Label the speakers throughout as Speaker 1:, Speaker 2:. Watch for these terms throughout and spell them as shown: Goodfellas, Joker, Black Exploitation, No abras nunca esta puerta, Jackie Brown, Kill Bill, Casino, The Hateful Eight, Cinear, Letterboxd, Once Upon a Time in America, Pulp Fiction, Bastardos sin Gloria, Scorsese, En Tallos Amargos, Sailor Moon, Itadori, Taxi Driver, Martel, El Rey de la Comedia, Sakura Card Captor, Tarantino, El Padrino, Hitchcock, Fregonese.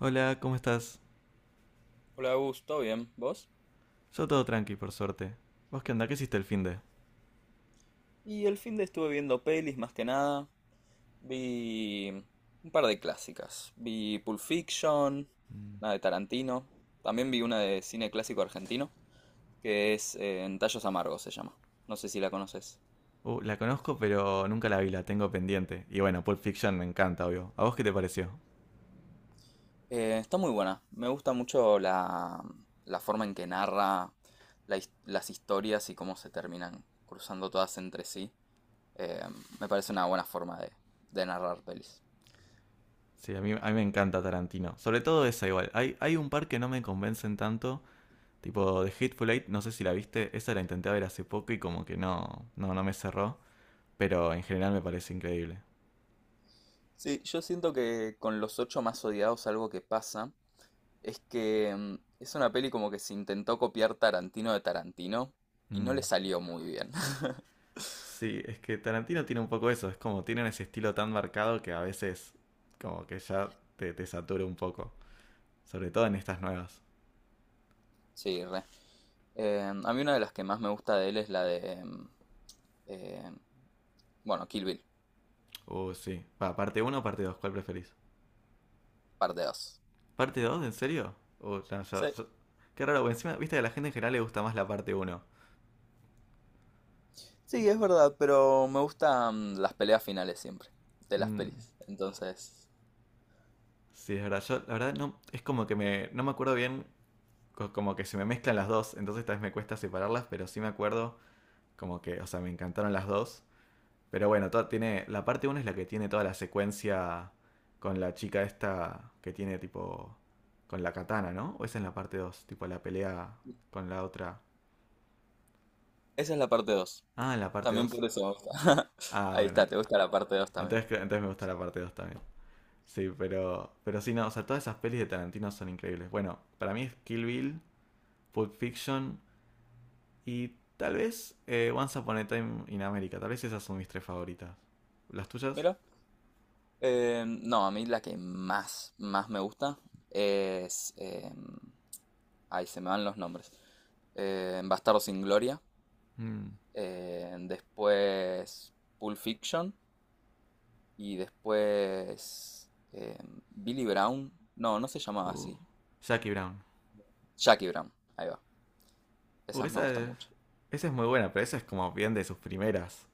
Speaker 1: Hola, ¿cómo estás?
Speaker 2: Hola, Gus, ¿todo bien? ¿Vos?
Speaker 1: Yo todo tranqui, por suerte. ¿Vos qué onda? ¿Qué hiciste el finde?
Speaker 2: Y el fin de estuve viendo pelis más que nada. Vi un par de clásicas. Vi Pulp Fiction, una de Tarantino. También vi una de cine clásico argentino, que es En Tallos Amargos se llama. No sé si la conoces.
Speaker 1: La conozco, pero nunca la vi, la tengo pendiente. Y bueno, Pulp Fiction me encanta, obvio. ¿A vos qué te pareció?
Speaker 2: Está muy buena. Me gusta mucho la forma en que narra las historias y cómo se terminan cruzando todas entre sí. Eh, Me parece una buena forma de narrar pelis.
Speaker 1: Sí, a mí me encanta Tarantino. Sobre todo esa igual. Hay un par que no me convencen tanto. Tipo, The Hateful Eight, no sé si la viste. Esa la intenté ver hace poco y como que no me cerró. Pero en general me parece increíble.
Speaker 2: Sí, yo siento que con Los Ocho Más Odiados algo que pasa es que es una peli como que se intentó copiar Tarantino de Tarantino y no le
Speaker 1: Mm.
Speaker 2: salió muy bien.
Speaker 1: Sí, es que Tarantino tiene un poco eso. Es como, tienen ese estilo tan marcado que a veces como que ya te satura un poco. Sobre todo en estas nuevas.
Speaker 2: Sí, re. A mí una de las que más me gusta de él es la de, eh, bueno, Kill Bill,
Speaker 1: Sí. Va, ¿parte uno o parte dos, cuál preferís?
Speaker 2: parte 2.
Speaker 1: ¿Parte dos? ¿En serio? Ya,
Speaker 2: Sí,
Speaker 1: ya, ya. Qué raro, porque encima, viste, que a la gente en general le gusta más la parte uno.
Speaker 2: sí, es verdad, pero me gustan las peleas finales siempre de las
Speaker 1: Mm,
Speaker 2: pelis. Entonces,
Speaker 1: sí, es verdad. Yo, la verdad, no, es como que no me acuerdo bien. Como que se me mezclan las dos, entonces tal vez me cuesta separarlas, pero sí me acuerdo, como que, o sea, me encantaron las dos. Pero bueno, todo tiene, la parte uno es la que tiene toda la secuencia con la chica esta que tiene tipo, con la katana, ¿no? ¿O esa es en la parte dos, tipo la pelea con la otra?
Speaker 2: esa es la parte 2.
Speaker 1: Ah, en la parte
Speaker 2: También
Speaker 1: 2.
Speaker 2: por eso me gusta.
Speaker 1: Ah,
Speaker 2: Ahí
Speaker 1: bueno,
Speaker 2: está, te gusta la parte 2 también.
Speaker 1: entonces, entonces me gusta la parte 2 también. Sí, pero sí, no, o sea, todas esas pelis de Tarantino son increíbles. Bueno, para mí es Kill Bill, Pulp Fiction y tal vez Once Upon a Time in America. Tal vez esas son mis tres favoritas. ¿Las tuyas?
Speaker 2: Mira. No, a mí la que más me gusta es... ahí se me van los nombres. Bastardos sin Gloria.
Speaker 1: Mm,
Speaker 2: Después Pulp Fiction. Y después Billy Brown. No, no se llamaba
Speaker 1: uh,
Speaker 2: así.
Speaker 1: Jackie Brown.
Speaker 2: Jackie Brown. Ahí va.
Speaker 1: Uh,
Speaker 2: Esas me
Speaker 1: esa
Speaker 2: gustan
Speaker 1: es,
Speaker 2: mucho.
Speaker 1: esa es muy buena, pero esa es como bien de sus primeras.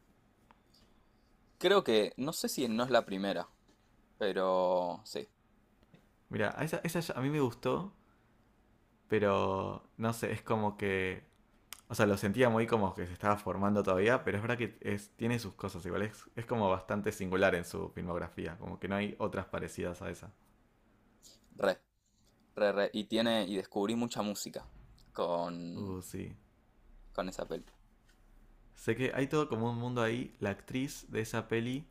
Speaker 2: Creo que, no sé si no es la primera, pero sí,
Speaker 1: Mira, a esa, esa ya- a mí me gustó, pero no sé, es como que. O sea, lo sentía muy como que se estaba formando todavía, pero es verdad que es, tiene sus cosas igual. Es como bastante singular en su filmografía, como que no hay otras parecidas a esa.
Speaker 2: re, re. Y tiene, y descubrí mucha música con,
Speaker 1: Sí.
Speaker 2: con esa peli.
Speaker 1: Sé que hay todo como un mundo ahí. La actriz de esa peli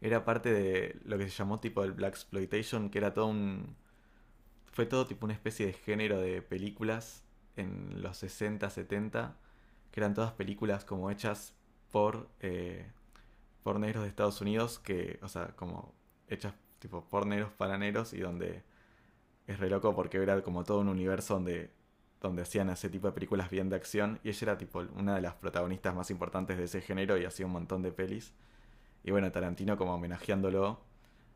Speaker 1: era parte de lo que se llamó tipo el Black Exploitation, que era todo un. Fue todo tipo una especie de género de películas en los 60, 70, que eran todas películas como hechas por eh, por negros de Estados Unidos que, o sea, como hechas tipo por negros para negros, y donde es re loco porque era como todo un universo donde hacían ese tipo de películas bien de acción, y ella era tipo una de las protagonistas más importantes de ese género y hacía un montón de pelis. Y bueno, Tarantino como homenajeándolo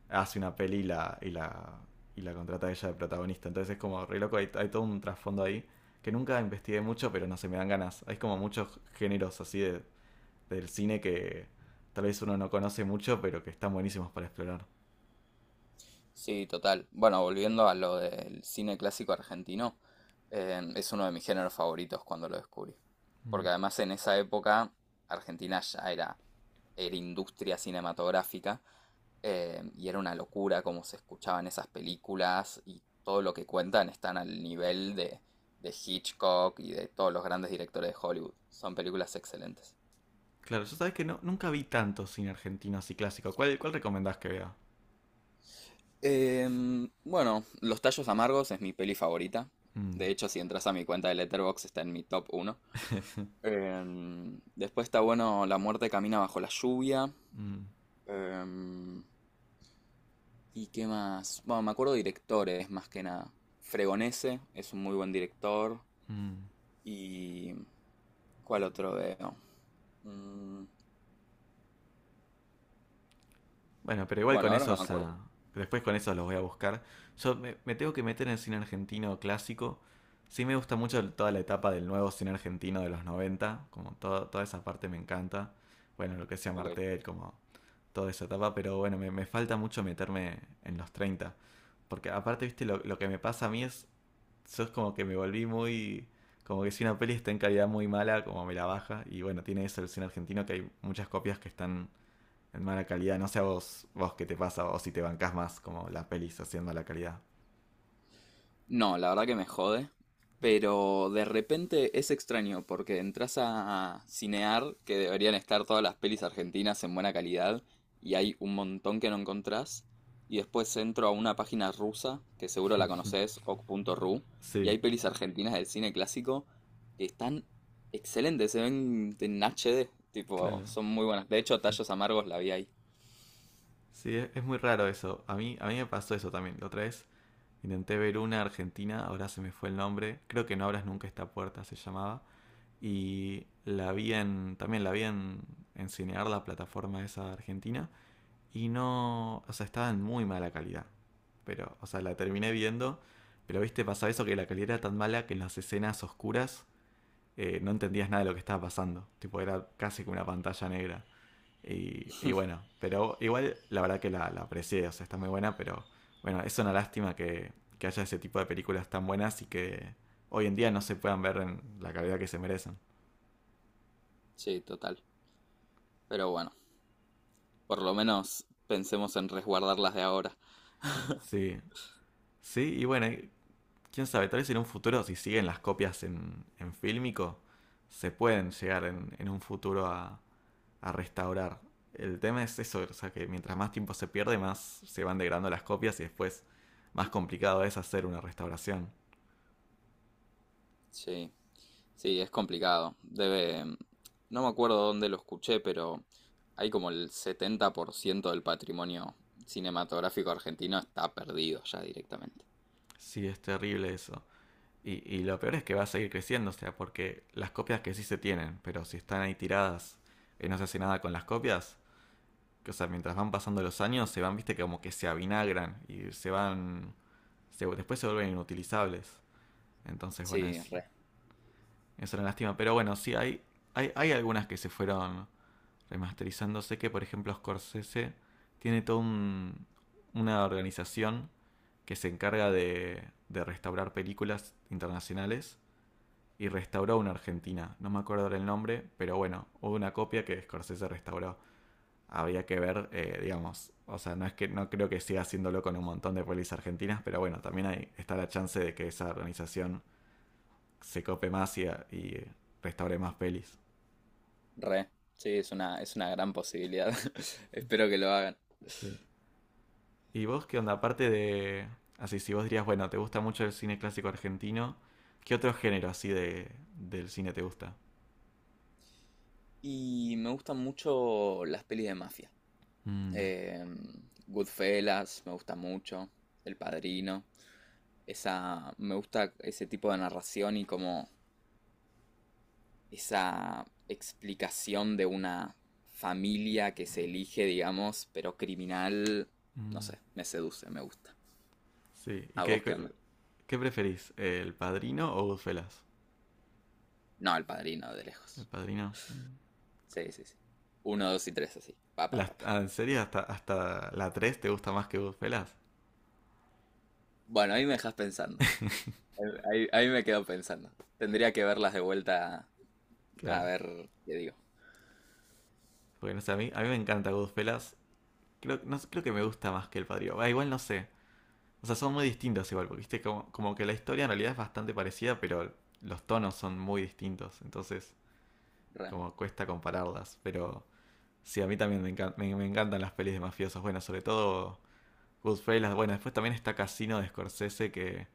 Speaker 1: hace una peli y la, y la, y la contrata a ella de protagonista. Entonces es como re loco, hay todo un trasfondo ahí que nunca investigué mucho, pero no, se me dan ganas. Hay como muchos géneros así de del cine que tal vez uno no conoce mucho, pero que están buenísimos para explorar.
Speaker 2: Sí, total. Bueno, volviendo a lo del cine clásico argentino, es uno de mis géneros favoritos cuando lo descubrí. Porque
Speaker 1: Mm.
Speaker 2: además en esa época Argentina ya era industria cinematográfica y era una locura cómo se escuchaban esas películas y todo lo que cuentan están al nivel de Hitchcock y de todos los grandes directores de Hollywood. Son películas excelentes.
Speaker 1: Claro, yo sabes que no, nunca vi tanto cine argentino así clásico. ¿Cuál recomendás que vea?
Speaker 2: Bueno, Los Tallos Amargos es mi peli favorita.
Speaker 1: Mm,
Speaker 2: De hecho, si entras a mi cuenta de Letterboxd está en mi top uno. Después está bueno La muerte camina bajo la lluvia.
Speaker 1: mm,
Speaker 2: Em, ¿Y qué más? Bueno, me acuerdo de directores más que nada. Fregonese es un muy buen director.
Speaker 1: mm.
Speaker 2: ¿Y cuál otro veo? Mm,
Speaker 1: Bueno, pero igual
Speaker 2: bueno,
Speaker 1: con
Speaker 2: ahora no me
Speaker 1: esos.
Speaker 2: acuerdo.
Speaker 1: Ah, después con esos los voy a buscar. Yo me tengo que meter en el cine argentino clásico. Sí, me gusta mucho toda la etapa del nuevo cine argentino de los noventa. Como toda esa parte me encanta. Bueno, lo que sea
Speaker 2: Ok.
Speaker 1: Martel, como toda esa etapa, pero bueno, me falta mucho meterme en los treinta. Porque aparte, viste, lo que me pasa a mí es, yo es como que me volví muy. Como que si una peli está en calidad muy mala, como me la baja. Y bueno, tiene eso el cine argentino, que hay muchas copias que están en mala calidad. No sé a vos, vos qué te pasa, o si te bancás más como las pelis haciendo mala calidad.
Speaker 2: No, la verdad que me jode, pero de repente es extraño porque entras a Cinear, que deberían estar todas las pelis argentinas en buena calidad, y hay un montón que no encontrás, y después entro a una página rusa, que seguro la conoces, o k punto ru y
Speaker 1: Sí,
Speaker 2: hay pelis argentinas del cine clásico que están excelentes, se ven en HD, tipo,
Speaker 1: claro.
Speaker 2: son muy buenas. De hecho, Tallos Amargos la vi ahí.
Speaker 1: Sí, es muy raro eso. A mí me pasó eso también. La otra vez intenté ver una argentina, ahora se me fue el nombre. Creo que No abras nunca esta puerta se llamaba. Y también la vi en Cinear, la plataforma esa argentina. Y no, o sea, estaba en muy mala calidad. Pero, o sea, la terminé viendo. Pero, viste, pasaba eso, que la calidad era tan mala que en las escenas oscuras no entendías nada de lo que estaba pasando. Tipo, era casi como una pantalla negra. Y bueno, pero igual la verdad que la aprecié, o sea, está muy buena, pero bueno, es una lástima que haya ese tipo de películas tan buenas y que hoy en día no se puedan ver en la calidad que se merecen.
Speaker 2: Sí, total. Pero bueno, por lo menos pensemos en resguardarlas de ahora.
Speaker 1: Sí, sí, y bueno, quién sabe, tal vez en un futuro, si siguen las copias en fílmico, se pueden llegar en un futuro a restaurar. El tema es eso, o sea, que mientras más tiempo se pierde, más se van degradando las copias, y después más complicado es hacer una restauración.
Speaker 2: Sí. Sí, es complicado. No me acuerdo dónde lo escuché, pero hay como el 70% del patrimonio cinematográfico argentino está perdido ya directamente.
Speaker 1: Sí, es terrible eso. Y lo peor es que va a seguir creciendo, o sea, porque las copias que sí se tienen, pero si están ahí tiradas y no se hace nada con las copias, que, o sea, mientras van pasando los años, se van, viste, como que se avinagran y se van, después se vuelven inutilizables. Entonces, bueno,
Speaker 2: Sí,
Speaker 1: es, es una lástima. Pero bueno, sí, hay algunas que se fueron remasterizando. Sé que, por ejemplo, Scorsese tiene una organización que se encarga de restaurar películas internacionales, y restauró una argentina. No me acuerdo el nombre, pero bueno, hubo una copia que Scorsese restauró. Habría que ver, digamos, o sea, no es que no creo que siga haciéndolo con un montón de pelis argentinas, pero bueno, también hay, está la chance de que esa organización se cope más y restaure más pelis.
Speaker 2: re. Sí, es una gran posibilidad. Espero que lo hagan.
Speaker 1: Sí. ¿Y vos qué onda? Aparte de. Así, si vos dirías, bueno, te gusta mucho el cine clásico argentino, ¿qué otro género así del cine te gusta?
Speaker 2: Y me gustan mucho las pelis de mafia.
Speaker 1: Mm,
Speaker 2: Eh, Goodfellas, me gusta mucho. El Padrino. Esa, me gusta ese tipo de narración y cómo, esa explicación de una familia que se elige, digamos, pero criminal, no
Speaker 1: mm.
Speaker 2: sé, me seduce, me gusta.
Speaker 1: Sí, ¿y
Speaker 2: ¿A vos qué onda?
Speaker 1: qué preferís? ¿El Padrino o Goodfellas?
Speaker 2: No, el padrino de
Speaker 1: El
Speaker 2: lejos.
Speaker 1: Padrino. Mm.
Speaker 2: Sí, sí, sí. Uno, dos y tres, así. Pa, pa, pa, pa.
Speaker 1: ¿En serio? ¿Hasta la tres te gusta más que Goodfellas?
Speaker 2: Bueno, ahí me dejas pensando. Ahí, me quedo pensando. Tendría que verlas de vuelta a
Speaker 1: Claro.
Speaker 2: ver qué digo.
Speaker 1: Porque no sé, a mí me encanta Goodfellas. Creo, no, creo que me gusta más que El Padrino. Ah, igual no sé. O sea, son muy distintos igual, porque viste como que la historia en realidad es bastante parecida, pero los tonos son muy distintos. Entonces,
Speaker 2: Re.
Speaker 1: como cuesta compararlas. Pero sí, a mí también me encantan las pelis de mafiosos. Bueno, sobre todo Goodfellas. Bueno, después también está Casino de Scorsese, que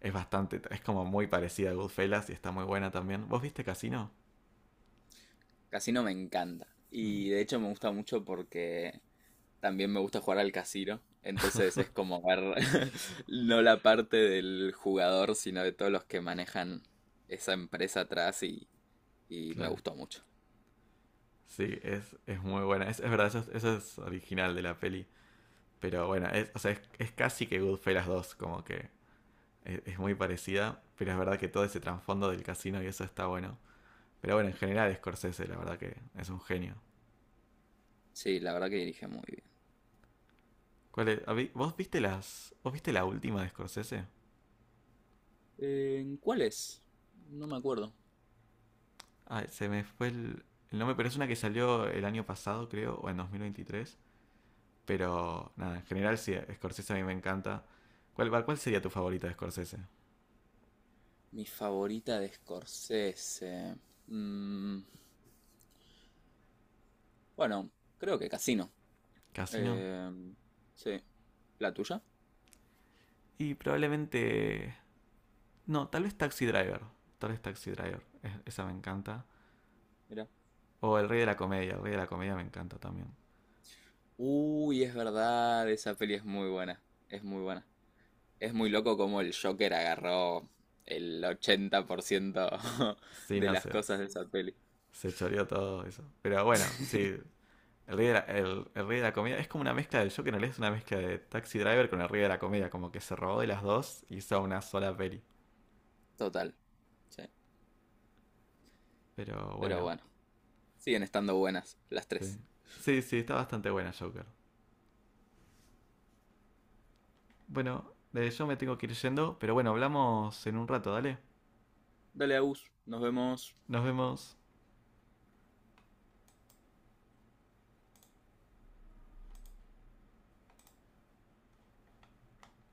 Speaker 1: es como muy parecida a Goodfellas y está muy buena también. ¿Vos viste Casino?
Speaker 2: Casino me encanta.
Speaker 1: Mm,
Speaker 2: Y de hecho me gusta mucho porque también me gusta jugar al casino, entonces es como ver no la parte del jugador, sino de todos los que manejan esa empresa atrás y me
Speaker 1: claro.
Speaker 2: gustó mucho.
Speaker 1: Sí, es muy buena. Es verdad, eso, eso es original de la peli. Pero bueno, o sea, es casi que Goodfellas dos, como que es muy parecida, pero es verdad que todo ese trasfondo del casino y eso está bueno. Pero bueno, en general Scorsese, la verdad que es un genio.
Speaker 2: Sí, la verdad que dirige muy bien.
Speaker 1: ¿Cuál es? ¿Vos viste las? ¿Vos viste la última de Scorsese?
Speaker 2: ¿Cuál es? No me acuerdo.
Speaker 1: Ah, se me fue el nombre, pero es una que salió el año pasado, creo, o en 2023. Pero nada, en general sí, Scorsese a mí me encanta. ¿Cuál sería tu favorita de Scorsese?
Speaker 2: Mi favorita de Scorsese. Mm, bueno, creo que Casino.
Speaker 1: ¿Casino?
Speaker 2: Eh, sí. ¿La tuya?
Speaker 1: Y probablemente. No, Tal vez Taxi Driver. Esa me encanta.
Speaker 2: Mira.
Speaker 1: O El Rey de la Comedia. El Rey de la Comedia me encanta también.
Speaker 2: Uy, es verdad, esa peli es muy buena. Es muy buena. Es muy loco cómo el Joker agarró el 80%
Speaker 1: Sí,
Speaker 2: de
Speaker 1: no,
Speaker 2: las
Speaker 1: se,
Speaker 2: cosas de esa peli.
Speaker 1: se choreó todo eso. Pero bueno, sí, el rey de la comedia es como una mezcla del Joker, en realidad es una mezcla de Taxi Driver con el rey de la comedia, como que se robó de las dos y hizo una sola peli.
Speaker 2: Total. Sí.
Speaker 1: Pero
Speaker 2: Pero
Speaker 1: bueno,
Speaker 2: bueno, siguen estando buenas las
Speaker 1: sí.
Speaker 2: tres.
Speaker 1: Sí, sí, está bastante buena Joker. Bueno, yo me tengo que ir yendo, pero bueno, hablamos en un rato, dale.
Speaker 2: Dale, Agus. Nos vemos.
Speaker 1: Nos vemos.